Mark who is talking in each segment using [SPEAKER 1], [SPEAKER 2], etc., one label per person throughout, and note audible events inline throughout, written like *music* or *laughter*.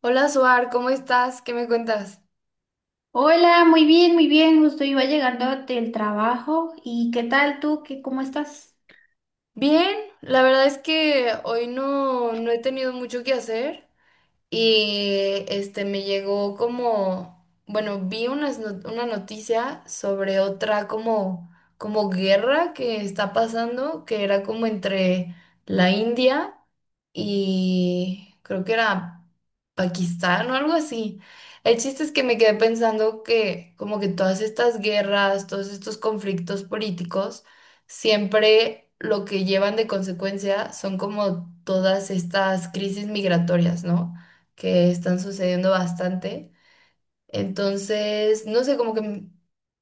[SPEAKER 1] Hola, Suar, ¿cómo estás? ¿Qué me cuentas?
[SPEAKER 2] Hola, muy bien, muy bien. Justo iba llegando del trabajo. ¿Y qué tal tú? ¿Cómo estás?
[SPEAKER 1] Bien, la verdad es que hoy no he tenido mucho que hacer y este me llegó como, bueno, vi unas not- una noticia sobre otra como, como guerra que está pasando, que era como entre la India. Y creo que era Pakistán o algo así. El chiste es que me quedé pensando que como que todas estas guerras, todos estos conflictos políticos, siempre lo que llevan de consecuencia son como todas estas crisis migratorias, ¿no? Que están sucediendo bastante. Entonces, no sé, como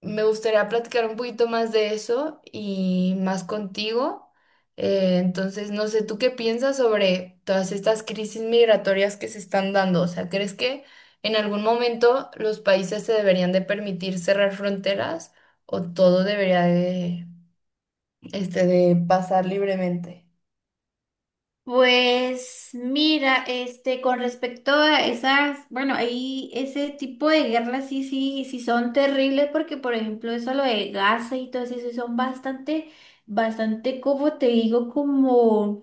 [SPEAKER 1] me gustaría platicar un poquito más de eso y más contigo. Entonces, no sé, ¿tú qué piensas sobre todas estas crisis migratorias que se están dando? O sea, ¿crees que en algún momento los países se deberían de permitir cerrar fronteras o todo debería de, este, de pasar libremente?
[SPEAKER 2] Pues mira, con respecto a esas, bueno, ahí ese tipo de guerras sí, sí, sí son terribles porque, por ejemplo, eso lo de Gaza y todo eso sí son bastante, bastante, como te digo, como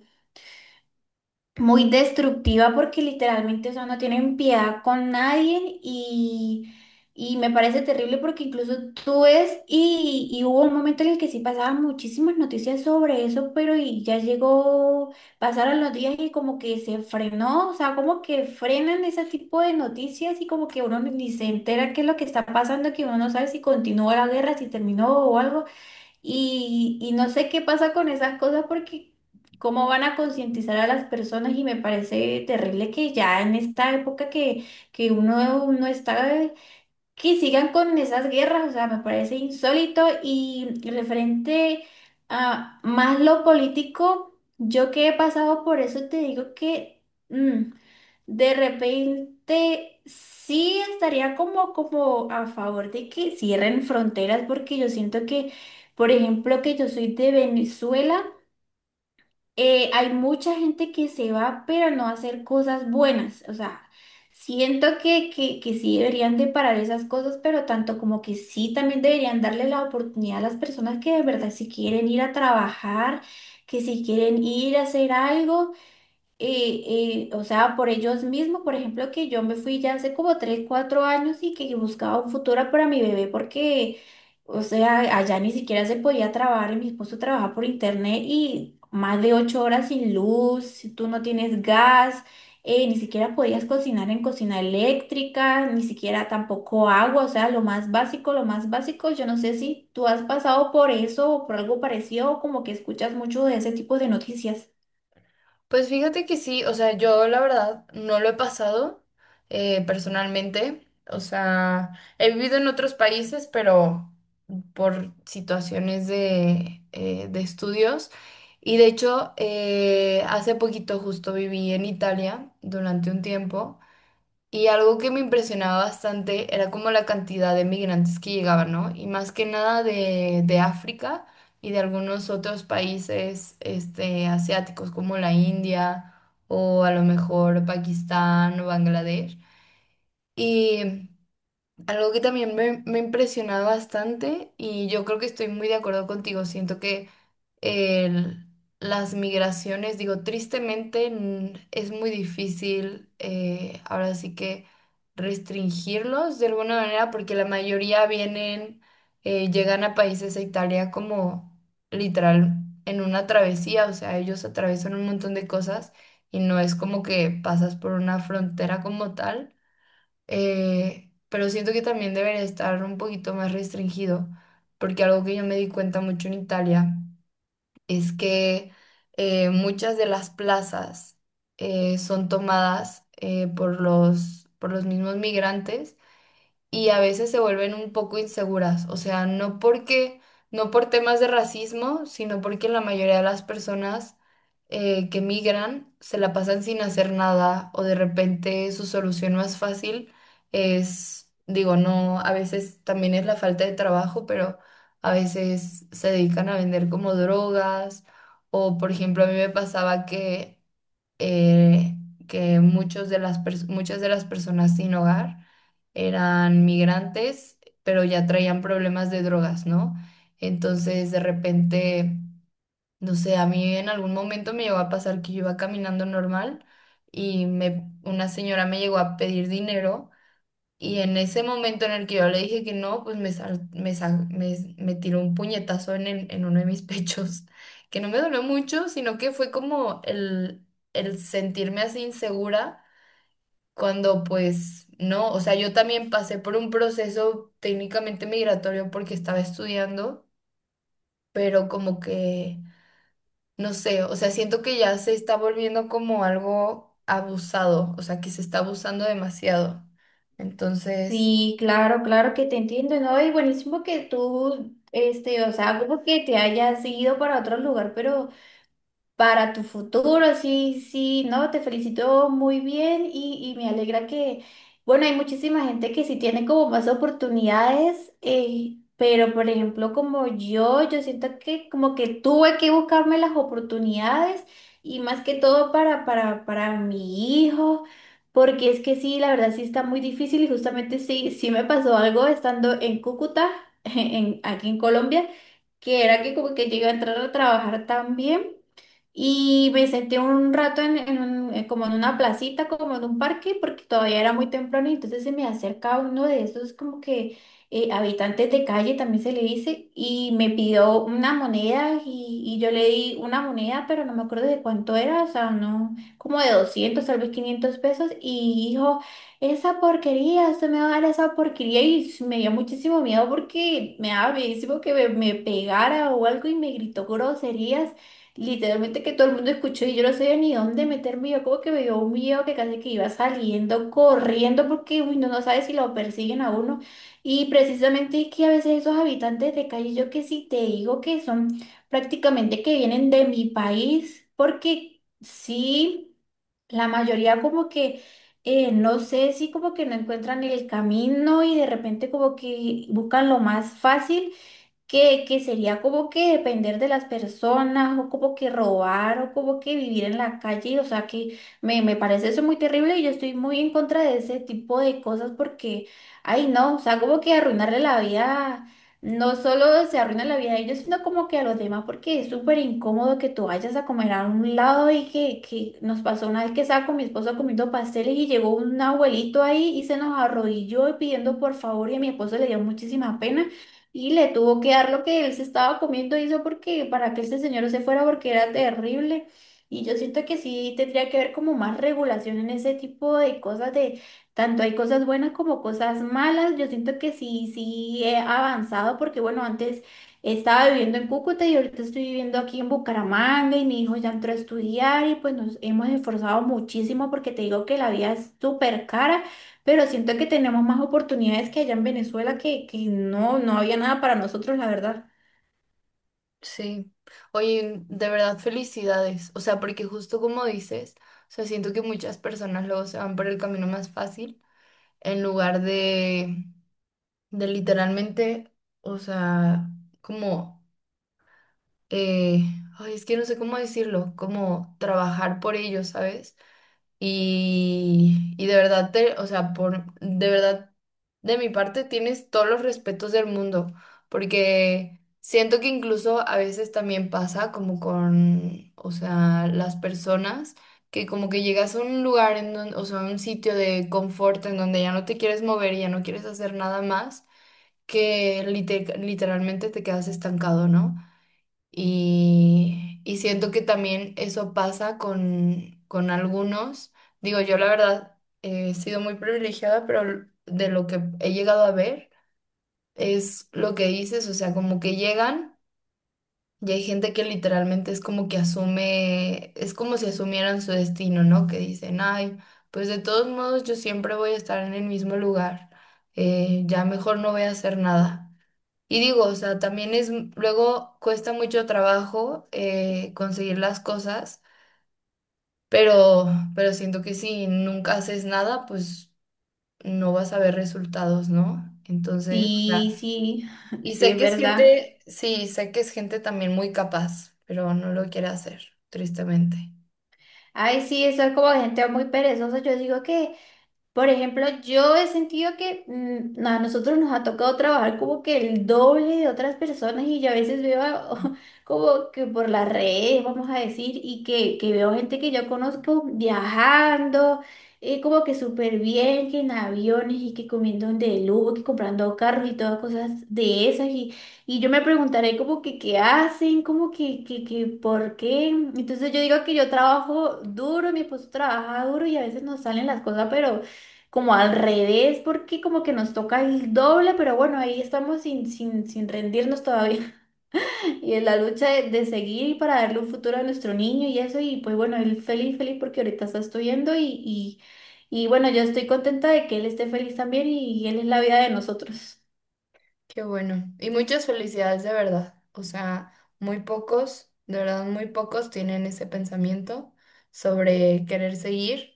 [SPEAKER 2] muy destructiva porque literalmente, o sea, no tienen piedad con nadie y me parece terrible porque incluso tú ves y hubo un momento en el que sí pasaban muchísimas noticias sobre eso, pero y ya llegó, pasaron los días y como que se frenó, o sea, como que frenan ese tipo de noticias y como que uno ni se entera qué es lo que está pasando, que uno no sabe si continúa la guerra, si terminó o algo. Y no sé qué pasa con esas cosas porque cómo van a concientizar a las personas y me parece terrible que ya en esta época que uno no está que sigan con esas guerras, o sea, me parece insólito y referente a más lo político, yo que he pasado por eso te digo que mm, de repente sí estaría como, como a favor de que cierren fronteras porque yo siento que, por ejemplo, que yo soy de Venezuela, hay mucha gente que se va, pero no a hacer cosas buenas. O sea, siento que sí deberían de parar esas cosas, pero tanto como que sí también deberían darle la oportunidad a las personas que de verdad si quieren ir a trabajar, que si quieren ir a hacer algo. Y, o sea, por ellos mismos, por ejemplo, que yo me fui ya hace como 3 4 años y que buscaba un futuro para mi bebé porque, o sea, allá ni siquiera se podía trabajar y mi esposo trabaja por internet y más de 8 horas sin luz, tú no tienes gas, ni siquiera podías cocinar en cocina eléctrica, ni siquiera tampoco agua, o sea, lo más básico, yo no sé si tú has pasado por eso o por algo parecido o como que escuchas mucho de ese tipo de noticias.
[SPEAKER 1] Pues fíjate que sí, o sea, yo la verdad no lo he pasado personalmente, o sea, he vivido en otros países, pero por situaciones de, de estudios. Y de hecho, hace poquito justo viví en Italia durante un tiempo. Y algo que me impresionaba bastante era como la cantidad de migrantes que llegaban, ¿no? Y más que nada de África y de algunos otros países este, asiáticos como la India o a lo mejor Pakistán o Bangladesh. Y algo que también me impresionaba bastante y yo creo que estoy muy de acuerdo contigo, siento que el- las migraciones, digo, tristemente es muy difícil ahora sí que restringirlos de alguna manera porque la mayoría vienen, llegan a países a Italia como literal en una travesía, o sea, ellos atraviesan un montón de cosas y no es como que pasas por una frontera como tal, pero siento que también debería estar un poquito más restringido porque algo que yo me di cuenta mucho en Italia es que muchas de las plazas son tomadas por por los mismos migrantes y a veces se vuelven un poco inseguras, o sea, no porque, no por temas de racismo, sino porque la mayoría de las personas que migran se la pasan sin hacer nada o de repente su solución más fácil es, digo, no, a veces también es la falta de trabajo, pero a veces se dedican a vender como drogas o, por ejemplo, a mí me pasaba eh, que muchos de las pers- muchas de las personas sin hogar eran migrantes, pero ya traían problemas de drogas, ¿no? Entonces, de repente, no sé, a mí en algún momento me llegó a pasar que yo iba caminando normal una señora me llegó a pedir dinero y en ese momento en el que yo le dije que no, pues me, sal- me, sa- me tiró un puñetazo en uno de mis pechos, *laughs* que no me dolió mucho, sino que fue como el sentirme así insegura cuando pues no, o sea, yo también pasé por un proceso técnicamente migratorio porque estaba estudiando, pero como que, no sé, o sea, siento que ya se está volviendo como algo abusado, o sea, que se está abusando demasiado. Entonces...
[SPEAKER 2] Sí, claro, claro que te entiendo, ¿no? Y buenísimo que tú, o sea, como que te hayas ido para otro lugar, pero para tu futuro. Sí, sí, no, te felicito muy bien y me alegra que, bueno, hay muchísima gente que sí tiene como más oportunidades, pero por ejemplo como yo siento que como que tuve que buscarme las oportunidades y más que todo para, para, mi hijo. Porque es que sí, la verdad sí está muy difícil y justamente sí, sí me pasó algo estando en Cúcuta, *laughs* en, aquí en Colombia, que era que como que llegué a entrar a trabajar también. Y me senté un rato en como en una placita, como en un parque, porque todavía era muy temprano y entonces se me acerca uno de esos como que habitantes de calle, también se le dice, y me pidió una moneda y yo le di una moneda, pero no me acuerdo de cuánto era, o sea, no, como de 200 tal vez 500 pesos, y dijo, esa porquería, usted me va a dar esa porquería y me dio muchísimo miedo porque me daba miedo que me pegara o algo y me gritó groserías. Literalmente que todo el mundo escuchó y yo no sabía ni dónde meterme. Yo como que me dio un miedo que casi que iba saliendo corriendo porque uy, no, no sabe si lo persiguen a uno. Y precisamente es que a veces esos habitantes de calle, yo que sí te digo que son prácticamente que vienen de mi país, porque sí, la mayoría como que, no sé, sí como que no encuentran el camino y de repente como que buscan lo más fácil que sería como que depender de las personas, o como que robar, o como que vivir en la calle, o sea que me parece eso muy terrible y yo estoy muy en contra de ese tipo de cosas porque, ay no, o sea, como que arruinarle la vida, no solo se arruina la vida a ellos, sino como que a los demás, porque es súper incómodo que tú vayas a comer a un lado y que nos pasó una vez que estaba con mi esposo comiendo pasteles y llegó un abuelito ahí y se nos arrodilló pidiendo por favor y a mi esposo le dio muchísima pena. Y le tuvo que dar lo que él se estaba comiendo, hizo porque para que este señor se fuera porque era terrible. Y yo siento que sí tendría que haber como más regulación en ese tipo de cosas de tanto hay cosas buenas como cosas malas. Yo siento que sí, sí he avanzado porque bueno, antes estaba viviendo en Cúcuta y ahorita estoy viviendo aquí en Bucaramanga y mi hijo ya entró a estudiar y pues nos hemos esforzado muchísimo porque te digo que la vida es súper cara. Pero siento que tenemos más oportunidades que allá en Venezuela que no, no había nada para nosotros, la verdad.
[SPEAKER 1] Sí, oye, de verdad felicidades, o sea, porque justo como dices, o sea, siento que muchas personas luego se van por el camino más fácil en lugar de literalmente, o sea, como, eh, ay, es que no sé cómo decirlo, como trabajar por ello, ¿sabes? Y de verdad, o sea, por, de verdad, de mi parte tienes todos los respetos del mundo, porque siento que incluso a veces también pasa como con, o sea, las personas que como que llegas a un lugar, o sea, un sitio de confort en donde ya no te quieres mover y ya no quieres hacer nada más, que literalmente te quedas estancado, ¿no? Y siento que también eso pasa con algunos. Digo, yo la verdad he sido muy privilegiada, pero de lo que he llegado a ver es lo que dices, o sea, como que llegan y hay gente que literalmente es como que asume, es como si asumieran su destino, ¿no? Que dicen, ay, pues de todos modos yo siempre voy a estar en el mismo lugar, ya mejor no voy a hacer nada. Y digo, o sea, también es, luego cuesta mucho trabajo conseguir las cosas, pero, pero siento que si nunca haces nada, pues no vas a ver resultados, ¿no? Entonces, claro.
[SPEAKER 2] Sí, sí, *laughs*
[SPEAKER 1] Y
[SPEAKER 2] sí,
[SPEAKER 1] sé
[SPEAKER 2] es
[SPEAKER 1] que es
[SPEAKER 2] verdad.
[SPEAKER 1] gente, sí, sé que es gente también muy capaz, pero no lo quiere hacer, tristemente.
[SPEAKER 2] Ay, sí, eso es como gente muy perezosa. Yo digo que, por ejemplo, yo he sentido que a nosotros nos ha tocado trabajar como que el doble de otras personas y yo a veces veo *laughs* como que por las redes, vamos a decir, y que veo gente que yo conozco viajando, como que súper bien, que en aviones y que comiendo de lujo, que comprando carros y todas cosas de esas. Y yo me preguntaré como que qué hacen, como que por qué. Entonces yo digo que yo trabajo duro, mi esposo trabaja duro y a veces nos salen las cosas, pero como al revés, porque como que nos toca el doble, pero bueno, ahí estamos sin rendirnos todavía. *laughs* Y en la lucha de seguir y para darle un futuro a nuestro niño y eso, y pues bueno, él feliz, feliz porque ahorita está estudiando y bueno, yo estoy contenta de que él esté feliz también y él es la vida de nosotros.
[SPEAKER 1] Qué bueno. Y muchas felicidades de verdad. O sea, muy pocos, de verdad, muy pocos tienen ese pensamiento sobre querer seguir.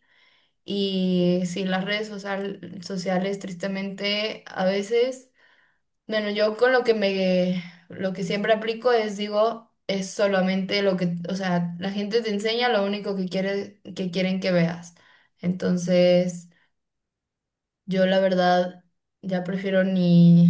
[SPEAKER 1] Y sí, las sociales, tristemente, a veces, bueno, yo con lo que me, lo que siempre aplico es, digo, es solamente lo que, o sea, la gente te enseña lo único que quiere, que quieren que veas. Entonces... Yo la verdad ya prefiero ni,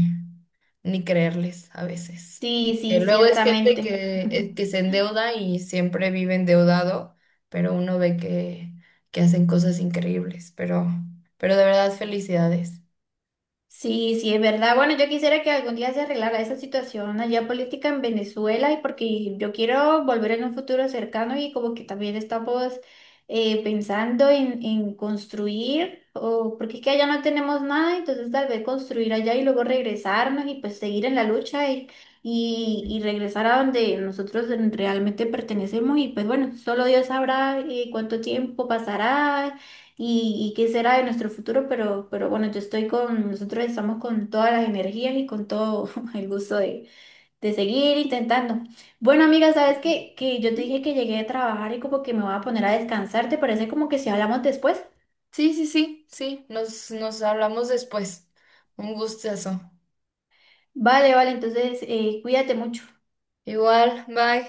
[SPEAKER 1] ni creerles a veces.
[SPEAKER 2] Sí,
[SPEAKER 1] Que
[SPEAKER 2] sí,
[SPEAKER 1] luego es gente
[SPEAKER 2] ciertamente.
[SPEAKER 1] que se endeuda y siempre vive endeudado, pero uno ve que hacen cosas increíbles, pero de verdad felicidades.
[SPEAKER 2] Sí, sí, es verdad. Bueno, yo quisiera que algún día se arreglara esa situación allá política en Venezuela y porque yo quiero volver en un futuro cercano y como que también estamos pensando en construir, o porque es que allá no tenemos nada, entonces tal vez construir allá y luego regresarnos y pues seguir en la lucha y regresar a donde nosotros realmente pertenecemos y pues bueno, solo Dios sabrá cuánto tiempo pasará y qué será de nuestro futuro, pero bueno, yo estoy con, nosotros estamos con todas las energías y con todo *laughs* el gusto de seguir intentando. Bueno, amiga, ¿sabes
[SPEAKER 1] Ujú.
[SPEAKER 2] qué? Que yo te
[SPEAKER 1] Ujú.
[SPEAKER 2] dije que llegué a trabajar y como que me voy a poner a descansar, ¿te parece como que si hablamos después?
[SPEAKER 1] Sí, sí, sí, sí, nos hablamos después. Un gustazo.
[SPEAKER 2] Vale, vale, entonces cuídate mucho.
[SPEAKER 1] Igual, bye.